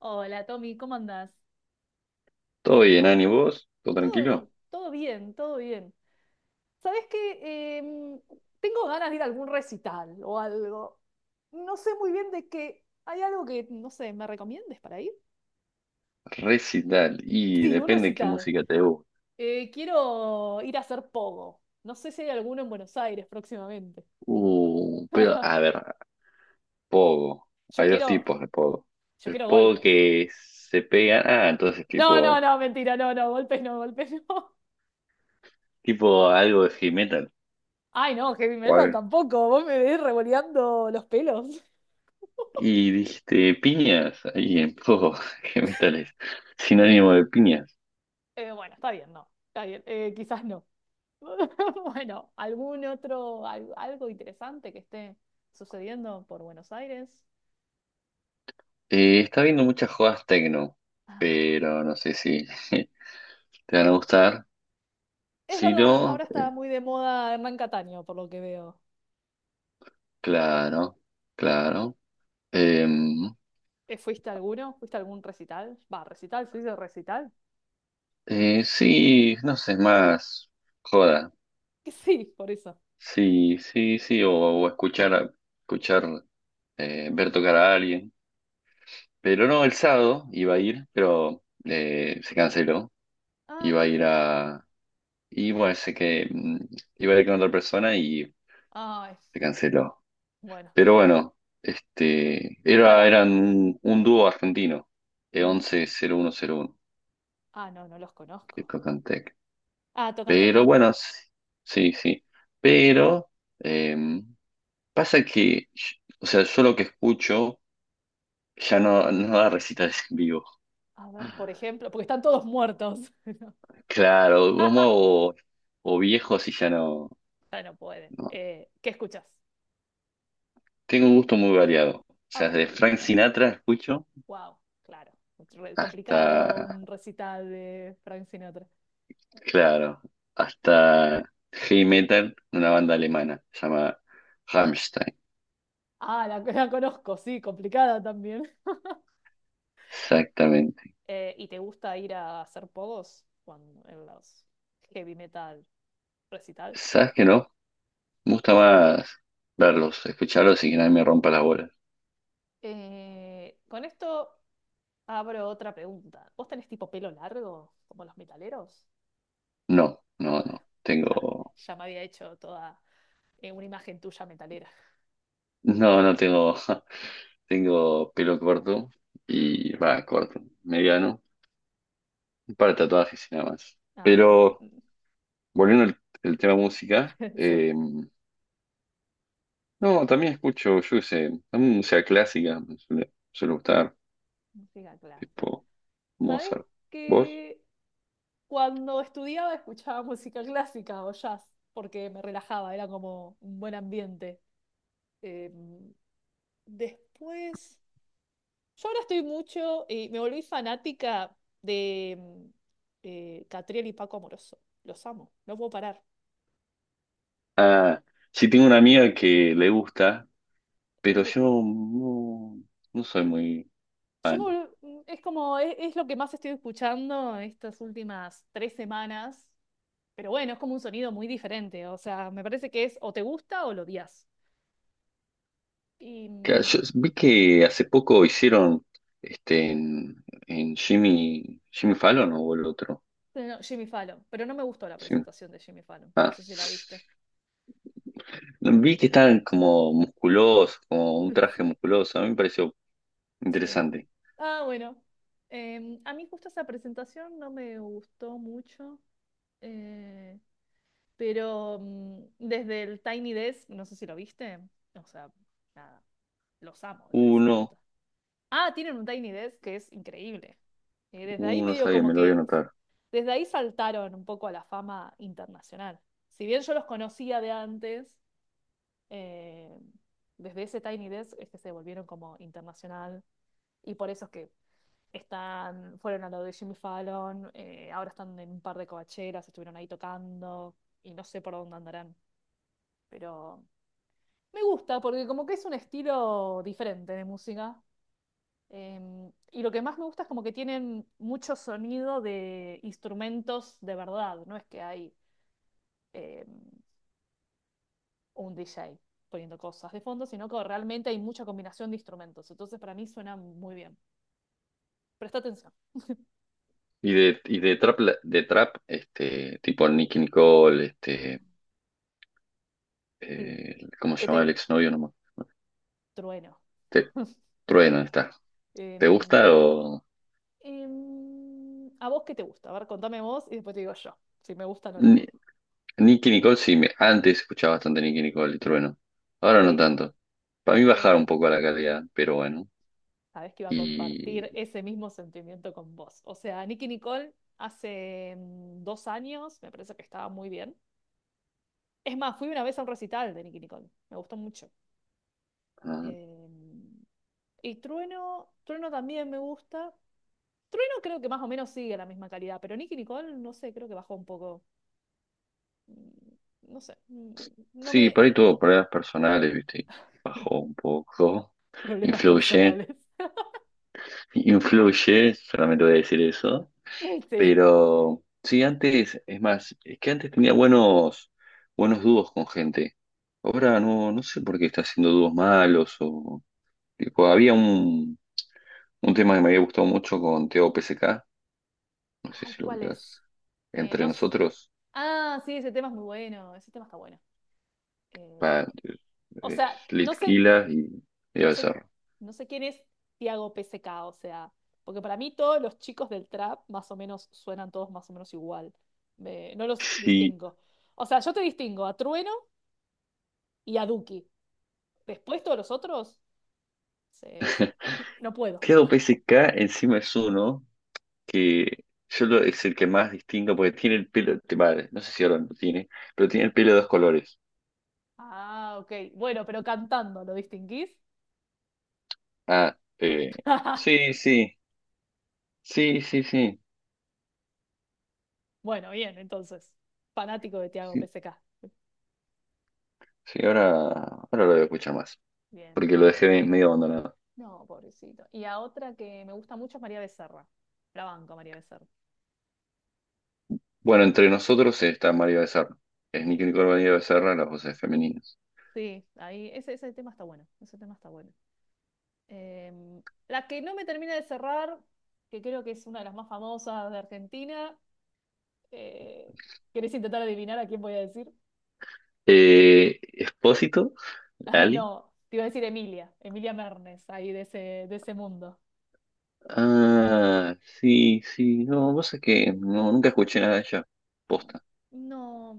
Hola Tommy, ¿cómo andás? Todo bien, Ani, ¿vos? ¿Todo Todo, tranquilo? todo bien, todo bien. ¿Sabés qué? Tengo ganas de ir a algún recital o algo. No sé muy bien de qué. ¿Hay algo que, no sé, me recomiendes para ir? Recital, y Sí, un depende qué recital. música te guste. Quiero ir a hacer pogo. No sé si hay alguno en Buenos Aires próximamente. Pero a ver, pogo. Yo Hay dos quiero, tipos de pogo. yo El quiero pogo golpes. que se pega, ah, entonces No, no, tipo, no, mentira, no, no, golpes no, golpes no. Algo de heavy metal, Ay, no, heavy o metal algo. tampoco. Vos me ves revoleando los pelos. Y dijiste piñas, ahí en pogo, heavy metal es sinónimo de piñas. Bueno, está bien, no. Está bien, quizás no. Bueno, ¿algún otro, algo interesante que esté sucediendo por Buenos Aires? Está viendo muchas jodas techno, Ah, pero no sé si te van es, a gustar. es Si verdad, no, ahora está muy de moda Hernán Cataño, por lo que veo. claro, claro. Em, ¿Fuiste a alguno? ¿Fuiste a algún recital? Va, recital, ¿se dice recital? Sí, no sé, más joda. Que sí, por eso. Sí, sí, sí, o escuchar, escuchar, ver tocar a alguien. Pero Sí. no, el sábado iba a ir, pero se canceló. Ah, Iba a ¿por ir qué? a. Y bueno, sé que iba a ir con otra persona y Ay, se canceló. bueno. Pero bueno, este, Y era, para. eran un, dúo argentino, Mm, 10101 ah, no, no los que conozco. tocan tech. Ah, tocan Pero tecno. bueno, sí, sí, sí. Pero, em, pasa que, o sea, yo lo que escucho ya no, no da recitales en vivo. A ver, por ejemplo, porque están todos muertos. Claro, como o viejos y ya no, Ya no pueden. no. ¿Qué escuchas? Tengo un gusto muy variado. O A sea, ver, desde Frank Sinatra escucho wow, claro. Re- hasta, Complicado, un recital de Frank Sinatra. claro, hasta heavy metal, una banda alemana, se llama Rammstein. Ah, la conozco, sí, complicada también. Exactamente. ¿Y te gusta ir a hacer pogos cuando, en los heavy metal recital? ¿Sabes Ah, qué no? Me gusta bien. más verlos, escucharlos y que nadie me rompa las bolas. Con esto abro otra pregunta. ¿Vos tenés tipo pelo largo, como los metaleros? No, no, Ah, no. ya, Tengo, ya me había hecho toda una imagen tuya metalera. no, no tengo. Tengo pelo corto y va, corto, mediano, un par de tatuajes y nada más. Ah, bueno, Pero volviendo al, tema música, sí. No, también escucho, yo qué sé, también música clásica, me suele gustar, Música clásica. tipo ¿Sabes Mozart. ¿Vos? que cuando estudiaba escuchaba música clásica o jazz? Porque me relajaba, era como un buen ambiente. Eh, después, yo ahora estoy mucho y me volví fanática de Catriel y Paco Amoroso. Los amo, no puedo parar. Ah, sí, tengo una amiga que le gusta, pero Eh, yo no, no soy muy yo me fan. volv- mm, es como, es lo que más estoy escuchando estas últimas tres semanas. Pero bueno, es como un sonido muy diferente. O sea, me parece que es o te gusta o lo odias. Y Claro, yo vi que hace poco hicieron este en, Jimmy, Fallon, ¿no? O el otro. no, Jimmy Fallon, pero no me gustó la Si no presentación de Jimmy Fallon, no Ah, sé si la viste. vi que estaban como musculosos, como un traje musculoso. A mí me pareció Sí. interesante. Ah, bueno. A mí justo esa presentación no me gustó mucho, eh, pero desde el Tiny Desk, no sé si lo viste, o sea, nada, los amo desde ese Uno, momento. Ah, tienen un Tiny Desk que es increíble. Desde ahí medio sabía, como me lo voy a que, anotar. desde ahí saltaron un poco a la fama internacional. Si bien yo los conocía de antes, eh, desde ese Tiny Desk es que se volvieron como internacional y por eso es que están, fueron a lo de Jimmy Fallon, ahora están en un par de covacheras, estuvieron ahí tocando y no sé por dónde andarán, pero me gusta porque como que es un estilo diferente de música. Y lo que más me gusta es como que tienen mucho sonido de instrumentos de verdad, no es que hay... eh, un DJ poniendo cosas de fondo, sino que realmente hay mucha combinación de instrumentos. Entonces, para mí suena muy bien. Presta atención. Y de, trap, de trap, este, tipo Nicki Nicole, este, Sí, ¿cómo se que llama el te exnovio nomás? trueno. Este, Trueno está. ¿Te Em, gusta o? ¿A vos qué te gusta? A ver, contame vos y después te digo yo, si me gustan o no. Ni- Nicki Nicole sí, antes escuchaba bastante Nicki Nicole y Trueno. Ahora no Sí, tanto. Para mí bajaron eh, un poco la calidad, pero bueno. sabés que iba a Y, compartir ese mismo sentimiento con vos. O sea, Nicki Nicole hace dos años me parece que estaba muy bien. Es más, fui una vez a un recital de Nicki Nicole. Me gustó mucho. ah, Em, y Trueno también me gusta. Trueno creo que más o menos sigue la misma calidad, pero Nicki Nicole, no sé, creo que bajó un poco. Mm, No sé, no sí, me... por ahí tuvo problemas personales, ¿viste? Y bajó un poco. Problemas Influye, personales. influye, solamente voy a decir eso. Sí. Pero sí, antes, es más, es que antes tenía buenos, buenos dúos con gente. Ahora no, no sé por qué está haciendo dúos malos o. Tipo, había un, tema que me había gustado mucho con Teo PSK, no sé Ay, si lo ¿cuál es? ubicás. Entre no... nosotros, Ah, sí, ese tema es muy bueno, ese tema está bueno. Eh, pa- o es sea, no sé, Litquila y, No sé, Becerra. no sé quién es Tiago PSK, o sea, porque para mí todos los chicos del trap más o menos suenan todos más o menos igual. Me- no los Sí. distingo. O sea, yo te distingo a Trueno y a Duki. Después todos los otros, se- se- no puedo. Claro, PSK encima es uno que es el que más distingo porque tiene el pelo, vale, no sé si ahora lo tiene, pero tiene el pelo de dos colores. Ah, ok. Bueno, pero cantando, ¿lo distinguís? Ah, sí, sí, sí, sí, sí, Bueno, bien, entonces. Fanático de Tiago sí, PSK. sí, ahora, lo voy a escuchar más, Bien. porque lo dejé medio abandonado. No, pobrecito. Y a otra que me gusta mucho es María Becerra. La banco, María Becerra. Bueno, entre nosotros está María Becerra, es Sí. Nicky Nicole María Becerra, las voces femeninas. Sí, ahí ese, ese tema está bueno, ese tema está bueno. Em, la que no me termina de cerrar, que creo que es una de las más famosas de Argentina, eh, ¿querés intentar adivinar a quién voy a decir? Expósito, Ah, Ali. no, te iba a decir Emilia, Emilia Mernes, ahí de ese mundo. Ah, sí, sí, no, vos sabés que no, nunca escuché nada de ella. Posta. No,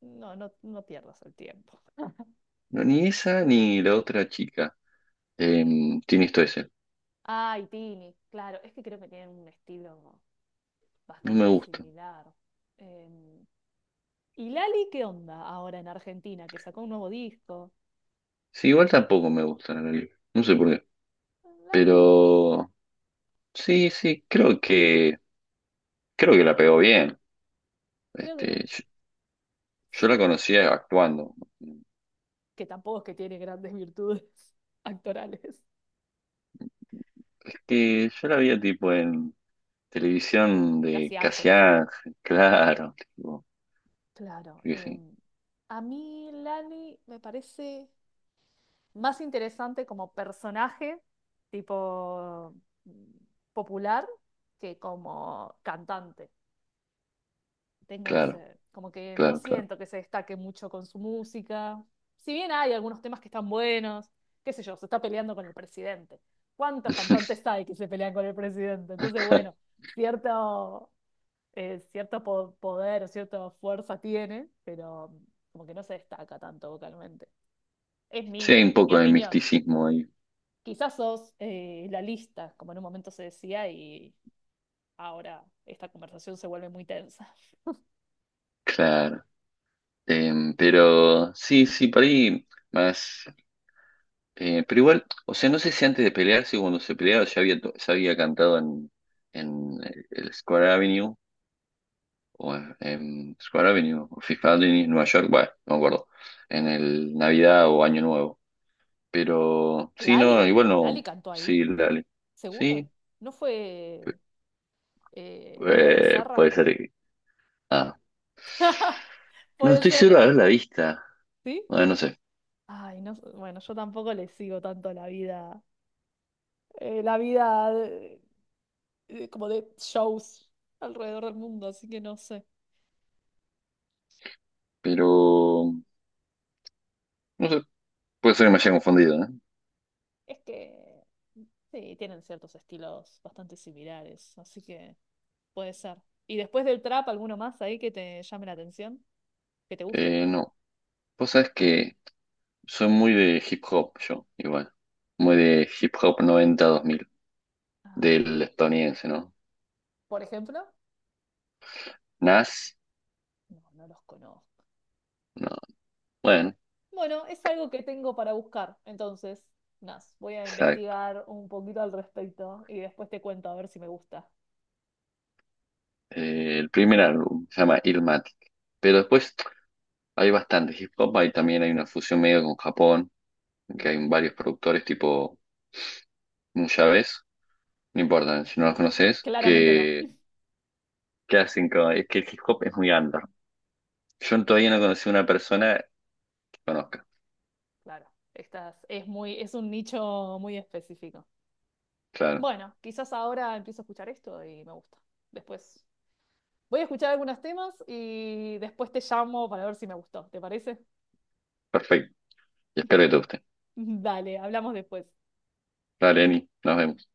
no, no, no pierdas el tiempo. No, ni esa ni la otra chica tiene esto ese. Ay, Tini, claro, es que creo que tienen un estilo No me bastante gusta. similar. Em, ¿Y Lali qué onda ahora en Argentina? Que sacó un nuevo disco. Sí, igual tampoco me gusta la película. No sé por qué. Landy, Pero sí, sí, creo que la pegó bien. creo que Este, le- yo, la sí, conocía actuando. que tampoco es que tiene grandes virtudes actorales, Es que yo la veía tipo en televisión de casi Casi ángeles. Ángel, claro, tipo, Claro, yo qué sé, a mí Lani me parece más interesante como personaje, tipo mm, popular, que como cantante. Tengo claro, ese, como que no claro, claro. siento que se destaque mucho con su música. Si bien hay algunos temas que están buenos, qué sé yo, se está peleando con el presidente. ¿Cuántos cantantes hay que se pelean con el presidente? Entonces, bueno, cierto, cierto poder o cierta fuerza tiene, pero como que no se destaca tanto vocalmente. Es Sí, hay un mi poco de opinión. misticismo ahí, Quizás sos la lista, como en un momento se decía, y ahora esta conversación se vuelve muy tensa. claro. Pero sí, sí, por ahí más. Pero igual, o sea, no sé si antes de pelearse, cuando se peleaba, ya había, ya había cantado en, el Square Avenue, o en, Square Avenue, o Fifth Avenue, Nueva York, bueno, no me acuerdo, en el Navidad o Año Nuevo. Pero sí, no, ¿Lali? igual ¿Lali no, cantó sí, ahí? dale. ¿Seguro? Sí, ¿No fue María puede Becerra? ser. Ah, no, Puede estoy seguro ser, de haberla vista. ¿sí? Bueno, no sé, Ay, no, bueno, yo tampoco le sigo tanto la vida como de shows alrededor del mundo, así que no sé. pero, no sé, puede ser que me haya confundido, ¿eh? Es que sí, tienen ciertos estilos bastante similares, así que puede ser. ¿Y después del trap, alguno más ahí que te llame la atención, que te guste? No, vos sabés que. Soy muy de hip hop, yo, igual. Muy de hip hop noventa dos mil Ah, del estadounidense, ¿no? por ejemplo, Nas, no, no los conozco. no. Bueno, Bueno, es algo que tengo para buscar, entonces, nada, voy a exacto. investigar un poquito al respecto y después te cuento a ver si me gusta. El primer álbum se llama Illmatic. Pero después hay bastante hip hop, hay también hay una fusión medio con Japón, que hay Ujú. varios productores tipo Nuyabes, no importa si no los No, conoces, claramente no. que, hacen es que el hip hop es muy under. Yo todavía no conocí una persona que conozca. Claro, estas es muy, es un nicho muy específico. Claro, Bueno, quizás ahora empiezo a escuchar esto y me gusta. Después voy a escuchar algunos temas y después te llamo para ver si me gustó. ¿Te parece? perfecto. Y espero que te guste. Dale, hablamos después. Dale, Eni, nos vemos.